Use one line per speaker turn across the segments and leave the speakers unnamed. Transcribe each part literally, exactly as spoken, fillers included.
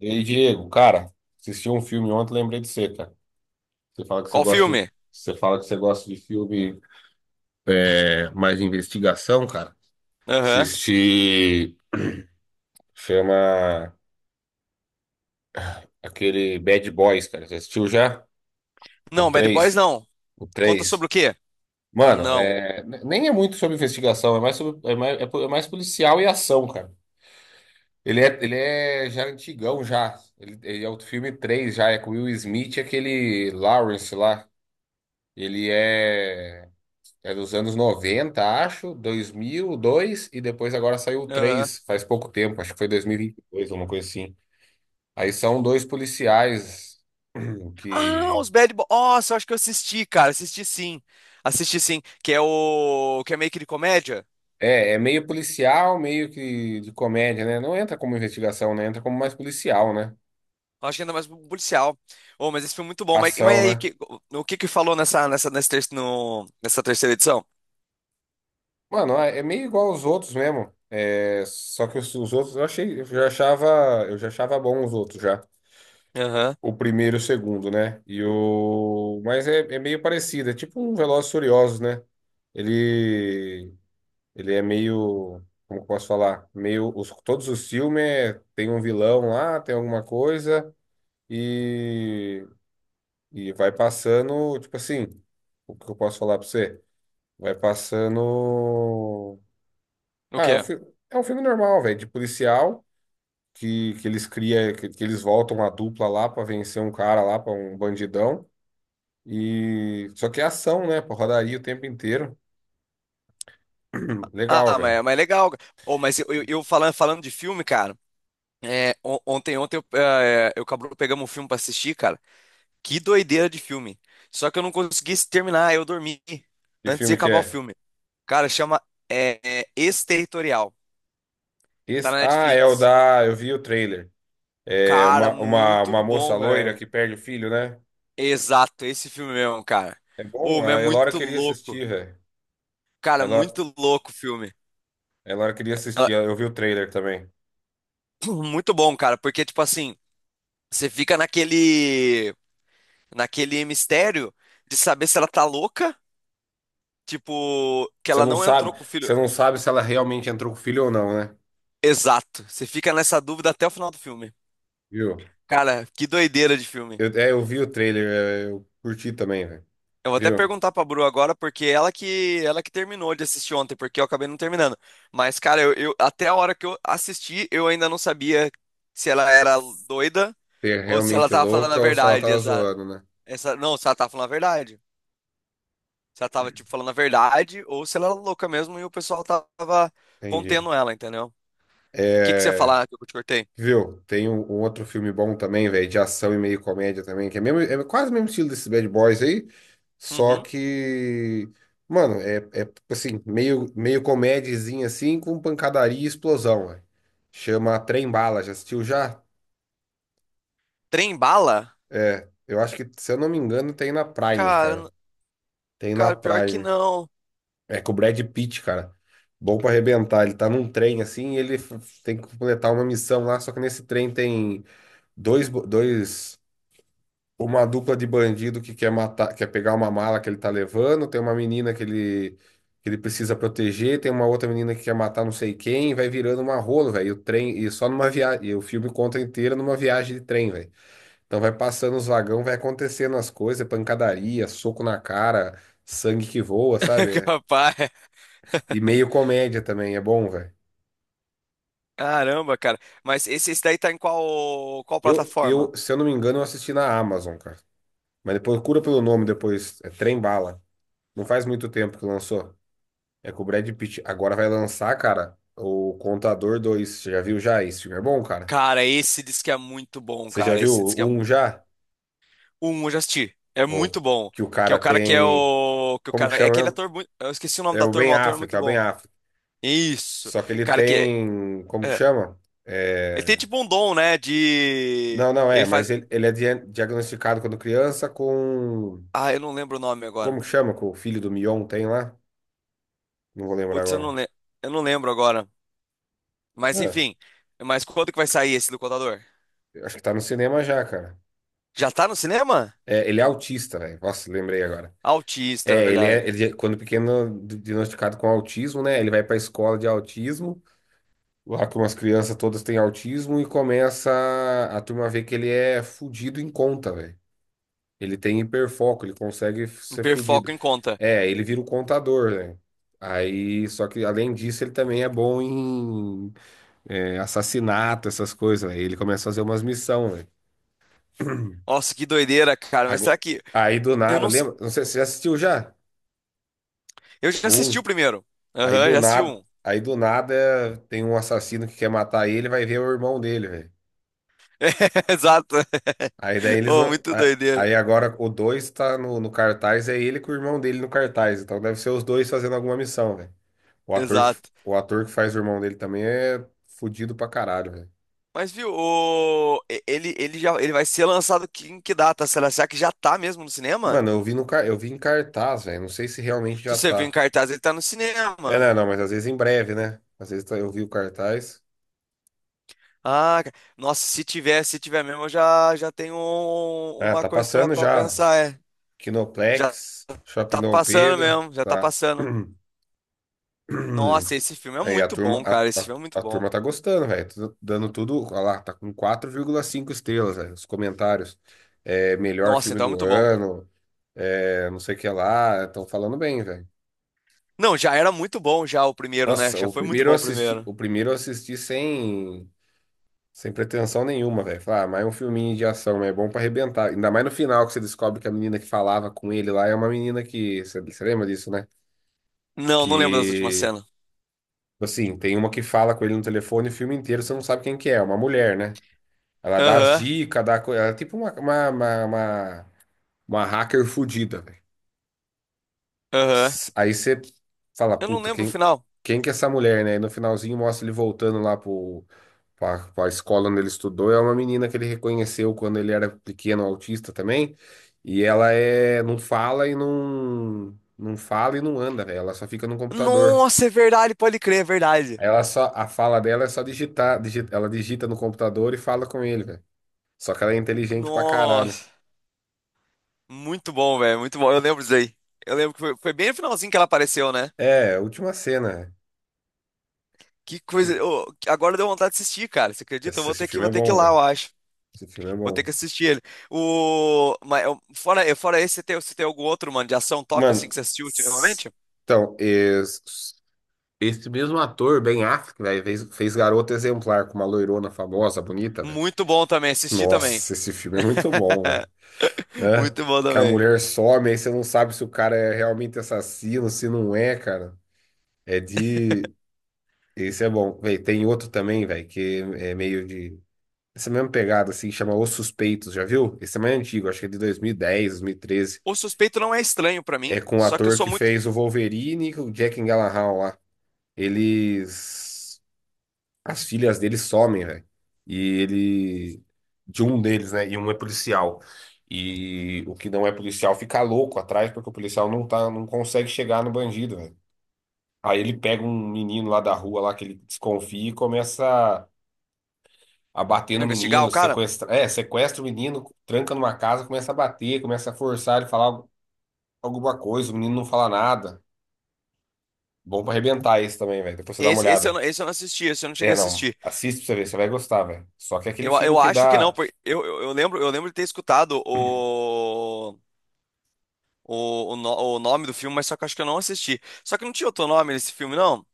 E aí, Diego, cara, assisti um filme ontem, lembrei de você, cara. Você fala que você
Qual
gosta de,
filme?
Você fala que você gosta de filme é, mais de investigação, cara.
Aham.
Assisti, chama aquele Bad Boys, cara. Você assistiu já? O
Não, Bad Boys
três,
não.
O
Conta sobre
três.
o quê?
Mano,
Não.
é, nem é muito sobre investigação, é mais, sobre, é mais, é po- é mais policial e ação, cara. Ele é, ele é já antigão, já. Ele, ele é o filme três já. É com o Will Smith e aquele Lawrence lá. Ele é. É dos anos noventa, acho, dois mil e dois e dois, e depois agora saiu o
Aham.
três, faz pouco tempo, acho que foi dois mil e e vinte e dois alguma coisa assim. Aí são dois policiais
Ah,
que
os Bad Boys. Nossa, eu acho que eu assisti, cara. Assisti, sim. Assisti, sim. Que é o... Que é meio que de comédia.
é, é meio policial, meio que de comédia, né? Não entra como investigação, né? Entra como mais policial, né?
Eu Acho que ainda mais policial. Oh, mas esse filme é muito bom. Mas, mas e
Ação,
aí,
né?
que- o que que falou nessa, nessa, nesse ter- no- nessa terceira edição?
Mano, é é meio igual aos outros mesmo. É, só que os, os outros eu achei, eu já achava, eu já achava bom os outros já.
Aham.
O primeiro e o segundo, né? E o... Mas é, é meio parecido, é tipo um Velozes e Furiosos, né? Ele, ele é meio, como que eu posso falar? Meio, os, todos os filmes é- tem um vilão lá, tem alguma coisa, e, e vai passando, tipo assim, o que eu posso falar pra você? Vai passando...
O
Ah, é um,
quê?
fi- é um filme normal, velho, de policial, que, que eles cria, que, que eles voltam a dupla lá pra vencer um cara lá, pra um bandidão. E só que é ação, né? Pô, rodaria o tempo inteiro. Legal,
Ah,
velho.
mas, mas é legal. Oh, mas eu, eu, eu falando, falando de filme, cara. é, on- ontem, ontem eu, eh, eu e o Cabrudo pegamos um filme pra assistir, cara. Que doideira de filme. Só que eu não consegui terminar, eu dormi
Que
antes de
filme que
acabar o
é?
filme. Cara, chama é, é, Exterritorial. Tá
Esse...
na
Ah, é o
Netflix.
da. Eu vi o trailer. É
Cara,
uma, uma,
muito
uma moça
bom,
loira
velho.
que perde o filho, né?
Exato, esse filme mesmo, cara.
É bom?
Ô, mas é
A Elora
muito
queria
louco.
assistir, velho. A
Cara,
Elora...
muito louco o filme.
a Elora queria
Ah,
assistir. Eu vi o trailer também.
muito bom, cara, porque, tipo assim, você fica naquele, naquele mistério de saber se ela tá louca, tipo, que
Você
ela
não
não entrou
sabe,
com o
você
filho.
não sabe se ela realmente entrou com o filho ou não, né?
Exato. Você fica nessa dúvida até o final do filme.
Viu?
Cara, que doideira de filme.
Eu, é, eu vi o trailer, é, eu curti também, velho.
Eu vou até
Viu?
perguntar pra Bru agora, porque ela que ela que terminou de assistir ontem, porque eu acabei não terminando. Mas, cara, eu, eu- até a hora que eu assisti, eu ainda não sabia se ela era doida
Se é
ou se ela
realmente
tava falando a
louca ou se ela
verdade.
tava
Essa,
zoando, né?
essa, não, se ela tava falando a verdade. Se ela tava, tipo, falando a verdade ou se ela era louca mesmo e o pessoal tava
Entendi.
contendo ela, entendeu? O que que você ia
É.
falar que eu te cortei?
Viu? Tem um, um outro filme bom também, velho, de ação e meio comédia também, que é, mesmo, é quase o mesmo estilo desses Bad Boys aí, só
Uhum.
que, mano, é, é assim, meio, meio comédiazinha assim, com pancadaria e explosão, velho. Chama Trem Bala, já assistiu já?
Trem bala?
É, eu acho que, se eu não me engano, tem na Prime,
Cara, n-
cara. Tem na
cara, pior que
Prime.
não.
É com o Brad Pitt, cara. Bom pra arrebentar. Ele tá num trem assim e ele f- tem que completar uma missão lá, só que nesse trem tem dois, bo- dois uma dupla de bandido que quer matar, quer pegar uma mala que ele tá levando, tem uma menina que ele, que ele precisa proteger, tem uma outra menina que quer matar não sei quem, vai virando uma rola, velho. E o trem, e só numa viagem, e o filme conta inteiro numa viagem de trem, velho. Então vai passando os vagão, vai acontecendo as coisas, é pancadaria, soco na cara, sangue que voa, sabe?
Capaz.
E meio comédia também, é bom, velho.
Caramba, cara. Mas esse, esse daí tá em qual, qual
Eu,
plataforma?
eu, se eu não me engano, eu assisti na Amazon, cara. Mas depois procura pelo nome depois, é Trem Bala. Não faz muito tempo que lançou. É com o Brad Pitt. Agora vai lançar, cara, o Contador dois. Você já viu já? Esse filme é bom, cara.
Cara, esse diz que é muito bom,
Você já
cara.
viu
Esse diz que
o
é
um
muito.
já?
O Um, eu já assisti. É
Ô,
muito bom.
que o
Que é
cara
o cara que é
tem.
o. Que o
Como que
cara. É
chama
aquele
mesmo?
ator. Muito. Eu esqueci o nome
É
do
o
ator,
Ben
mas o ator é
Affleck,
muito
é o Ben
bom.
Affleck.
Isso.
Só que ele
Cara, que.
tem. Como que
É.
chama?
Ele tem
É...
tipo um dom, né? De.
Não, não é,
Ele faz.
mas ele, ele é dia- diagnosticado quando criança com.
Ah, eu não lembro o nome agora.
Como que chama? Com o filho do Mion tem lá? Não vou lembrar
Putz, eu não,
agora.
le... eu não lembro agora. Mas
É,
enfim. Mas quando que vai sair esse do Contador?
acho que tá no cinema já, cara.
Já tá no cinema?
É, ele é autista, velho. Nossa, lembrei agora.
Autista, é
É, ele é,
verdade.
ele, é- quando pequeno, di- diagnosticado com autismo, né? Ele vai para a escola de autismo, lá que umas crianças todas têm autismo, e começa a, a turma ver que ele é fudido em conta, velho. Ele tem hiperfoco, ele consegue f-
Um
ser fudido.
hiperfoco em conta.
É, ele vira o contador, né? Aí, só que além disso, ele também é bom em é, assassinato, essas coisas, velho. Ele começa a fazer umas missões, velho.
Nossa, que doideira, cara. Mas será
Ago-
que.
Aí do
Eu
nada,
não. s-
lembra? Não sei, você já assistiu já?
Eu já assisti o
Um.
primeiro.
Aí
Aham,
do
já assisti
nada,
um.
aí do nada tem um assassino que quer matar ele, vai ver o irmão dele, velho.
Exato.
Aí daí eles
Oh,
não.
muito
a-
doideira.
Aí agora o dois tá no, no cartaz, é ele com o irmão dele no cartaz. Então deve ser os dois fazendo alguma missão, velho. O ator que,
Exato.
o ator que faz o irmão dele também é fudido pra caralho, velho.
Mas viu, o... e- ele, ele já ele vai ser lançado que- em que data? Será, será que já tá mesmo no cinema?
Mano, eu vi no, car- eu vi em cartaz, velho. Não sei se realmente
Se
já
você viu em
tá.
cartaz, ele tá no
É,
cinema.
não, não, mas às vezes em breve, né? Às vezes tá- eu vi o cartaz.
Ah, ca- nossa, se tiver, se tiver mesmo, eu já, já tenho um-
Ah,
uma
tá
coisa pra,
passando
pra
já.
pensar. É. Já
Kinoplex, Shopping
tá
Dom
passando
Pedro,
mesmo, já tá
tá.
passando. Nossa, esse filme é
Aí a
muito
turma,
bom, cara.
a,
Esse
a,
filme é muito
a
bom.
turma tá gostando, velho. Tá dando tudo, olha lá, tá com quatro vírgula cinco estrelas, velho. Os comentários. É, melhor
Nossa,
filme
então é
do
muito bom.
ano, é, não sei o que lá. Estão falando bem, velho.
Não, já era muito bom já o primeiro, né?
Nossa,
Já
o
foi muito
primeiro eu
bom o
assisti,
primeiro.
o primeiro eu assisti sem, sem pretensão nenhuma, velho. Falar, ah, mas é um filminho de ação, mas é bom pra arrebentar. Ainda mais no final que você descobre que a menina que falava com ele lá é uma menina que. Você, você lembra disso, né?
Não, não lembro das últimas
Que.
cenas.
Tipo assim, tem uma que fala com ele no telefone o filme inteiro, você não sabe quem que é, é uma mulher, né? Ela dá as
Aham,
dicas, dá coisa. Ela é tipo uma, uma, uma, uma, uma hacker fudida velho.
aham.
S- Aí você fala,
Eu não
puta,
lembro o
quem,
final.
quem que é essa mulher, né? E no finalzinho mostra ele voltando lá pro, pra, pra escola onde ele estudou. É uma menina que ele reconheceu quando ele era pequeno, autista também. E ela é, não fala e não, não fala e não anda, velho. Ela só fica no computador.
Nossa, é verdade, pode crer, é verdade.
Aí Ela só, a fala dela é só digitar, digi- ela digita no computador e fala com ele, velho. Só que ela é inteligente pra caralho.
Nossa, muito bom, velho, muito bom. Eu lembro disso aí. Eu lembro que foi, foi bem no finalzinho que ela apareceu, né?
É, a última cena.
Que coisa. Ô, agora deu vontade de assistir, cara. Você acredita? Eu
Esse,
vou
esse
ter que,
filme
vou
é
ter que ir
bom,
lá, eu
velho.
acho.
Esse filme é
Vou ter
bom.
que assistir ele. O, mas, eu- fora, eu- fora esse, você tem, você tem algum outro, mano, de ação top assim que
Mano,
você assistiu
s-
ultimamente?
então, es- esse, mesmo ator, Ben Affleck, velho, fez, fez Garota Exemplar com uma loirona famosa, bonita, velho.
Muito bom também, assisti também.
Nossa, esse filme é muito bom, velho. Né?
Muito bom
Que a
também.
mulher some, aí você não sabe se o cara é realmente assassino, se não é, cara. É de. Esse é bom. Véi, tem outro também, velho, que é meio de. Essa mesma pegada, assim, chama Os Suspeitos, já viu? Esse é mais antigo, acho que é de dois mil e dez, dois mil e treze.
O suspeito não é estranho pra mim,
É com o
só que eu
ator
sou
que
muito.
fez o Wolverine e o Jack Gyllenhaal lá. Eles. As filhas deles somem, velho. E ele. De um deles, né? E um é policial. E o que não é policial fica louco atrás, porque o policial não tá, não consegue chegar no bandido, velho. Aí ele pega um menino lá da rua, lá que ele desconfia e começa a bater
Vai
no
investigar o
menino,
cara?
sequestra, é, sequestra o menino, tranca numa casa, começa a bater, começa a forçar ele a falar alguma coisa, o menino não fala nada. Bom pra arrebentar esse também, velho. Depois você dá uma
Esse, esse, eu
olhada.
não, esse eu não assisti, esse eu não cheguei
É,
a
não.
assistir.
Assiste pra você ver, você vai gostar, velho. Só que é aquele
Eu,
filme
eu
que
acho que não,
dá.
porque eu, eu, eu lembro, eu lembro de ter escutado o, o, o, no- o nome do filme, mas só que eu acho que eu não assisti. Só que não tinha outro nome nesse filme, não?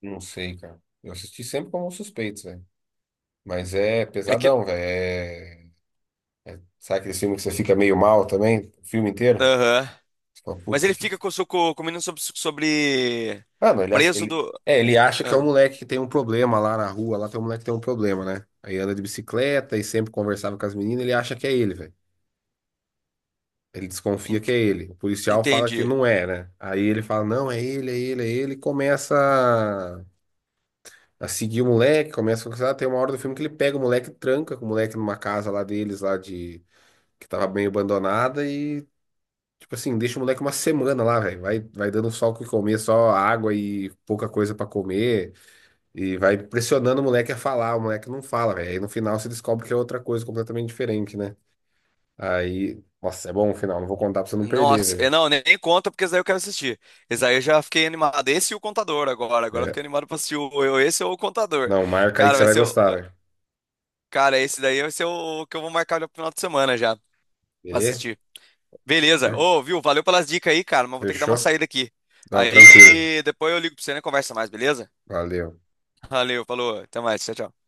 Não sei, cara. Eu assisti sempre como Suspeitos, velho. Mas é
É que.
pesadão, velho. É... Sabe aquele filme que você fica meio mal também? O filme inteiro?
Aham.
Você fala,
Mas
puta,
ele
que...
fica com, com, com o menino sobre, sobre.
Mano, ele, acha-
Preso
ele...
do.
É, ele acha que é um
Ah,
moleque que tem um problema lá na rua. Lá tem um moleque que tem um problema, né? Aí anda de bicicleta e sempre conversava com as meninas. Ele acha que é ele, velho. Ele desconfia que
ent-
é ele. O policial fala que
entendi.
não é, né? Aí ele fala, não, é ele, é ele, é ele. E começa a a seguir o moleque, começa a conversar. Tem uma hora do filme que ele pega o moleque, e tranca com o moleque numa casa lá deles, lá de... Que tava meio abandonada e, tipo assim, deixa o moleque uma semana lá, velho. Vai, vai dando só o que comer, só água e pouca coisa pra comer. E vai pressionando o moleque a falar. O moleque não fala, velho. Aí no final se descobre que é outra coisa completamente diferente, né? Aí... Nossa, é bom o final. Não vou contar pra você não perder,
Nossa,
velho.
eu não, nem nem conta, porque esse daí eu quero assistir. Esse daí eu já fiquei animado. Esse e o Contador agora. Agora eu fiquei
É,
animado pra assistir o, eu- esse ou o Contador.
não, marca aí que
Cara,
você
vai
vai
ser o.
gostar, velho.
Cara, esse daí vai ser o que eu vou marcar no final de semana já pra
Beleza?
assistir. Beleza. Ô, viu? Valeu pelas dicas aí, cara, mas vou ter que dar uma
Fechou?
saída aqui.
Não, tranquilo.
Aí depois eu ligo pra você e né, conversa mais, beleza?
Valeu.
Valeu, falou. Até mais. Tchau, tchau.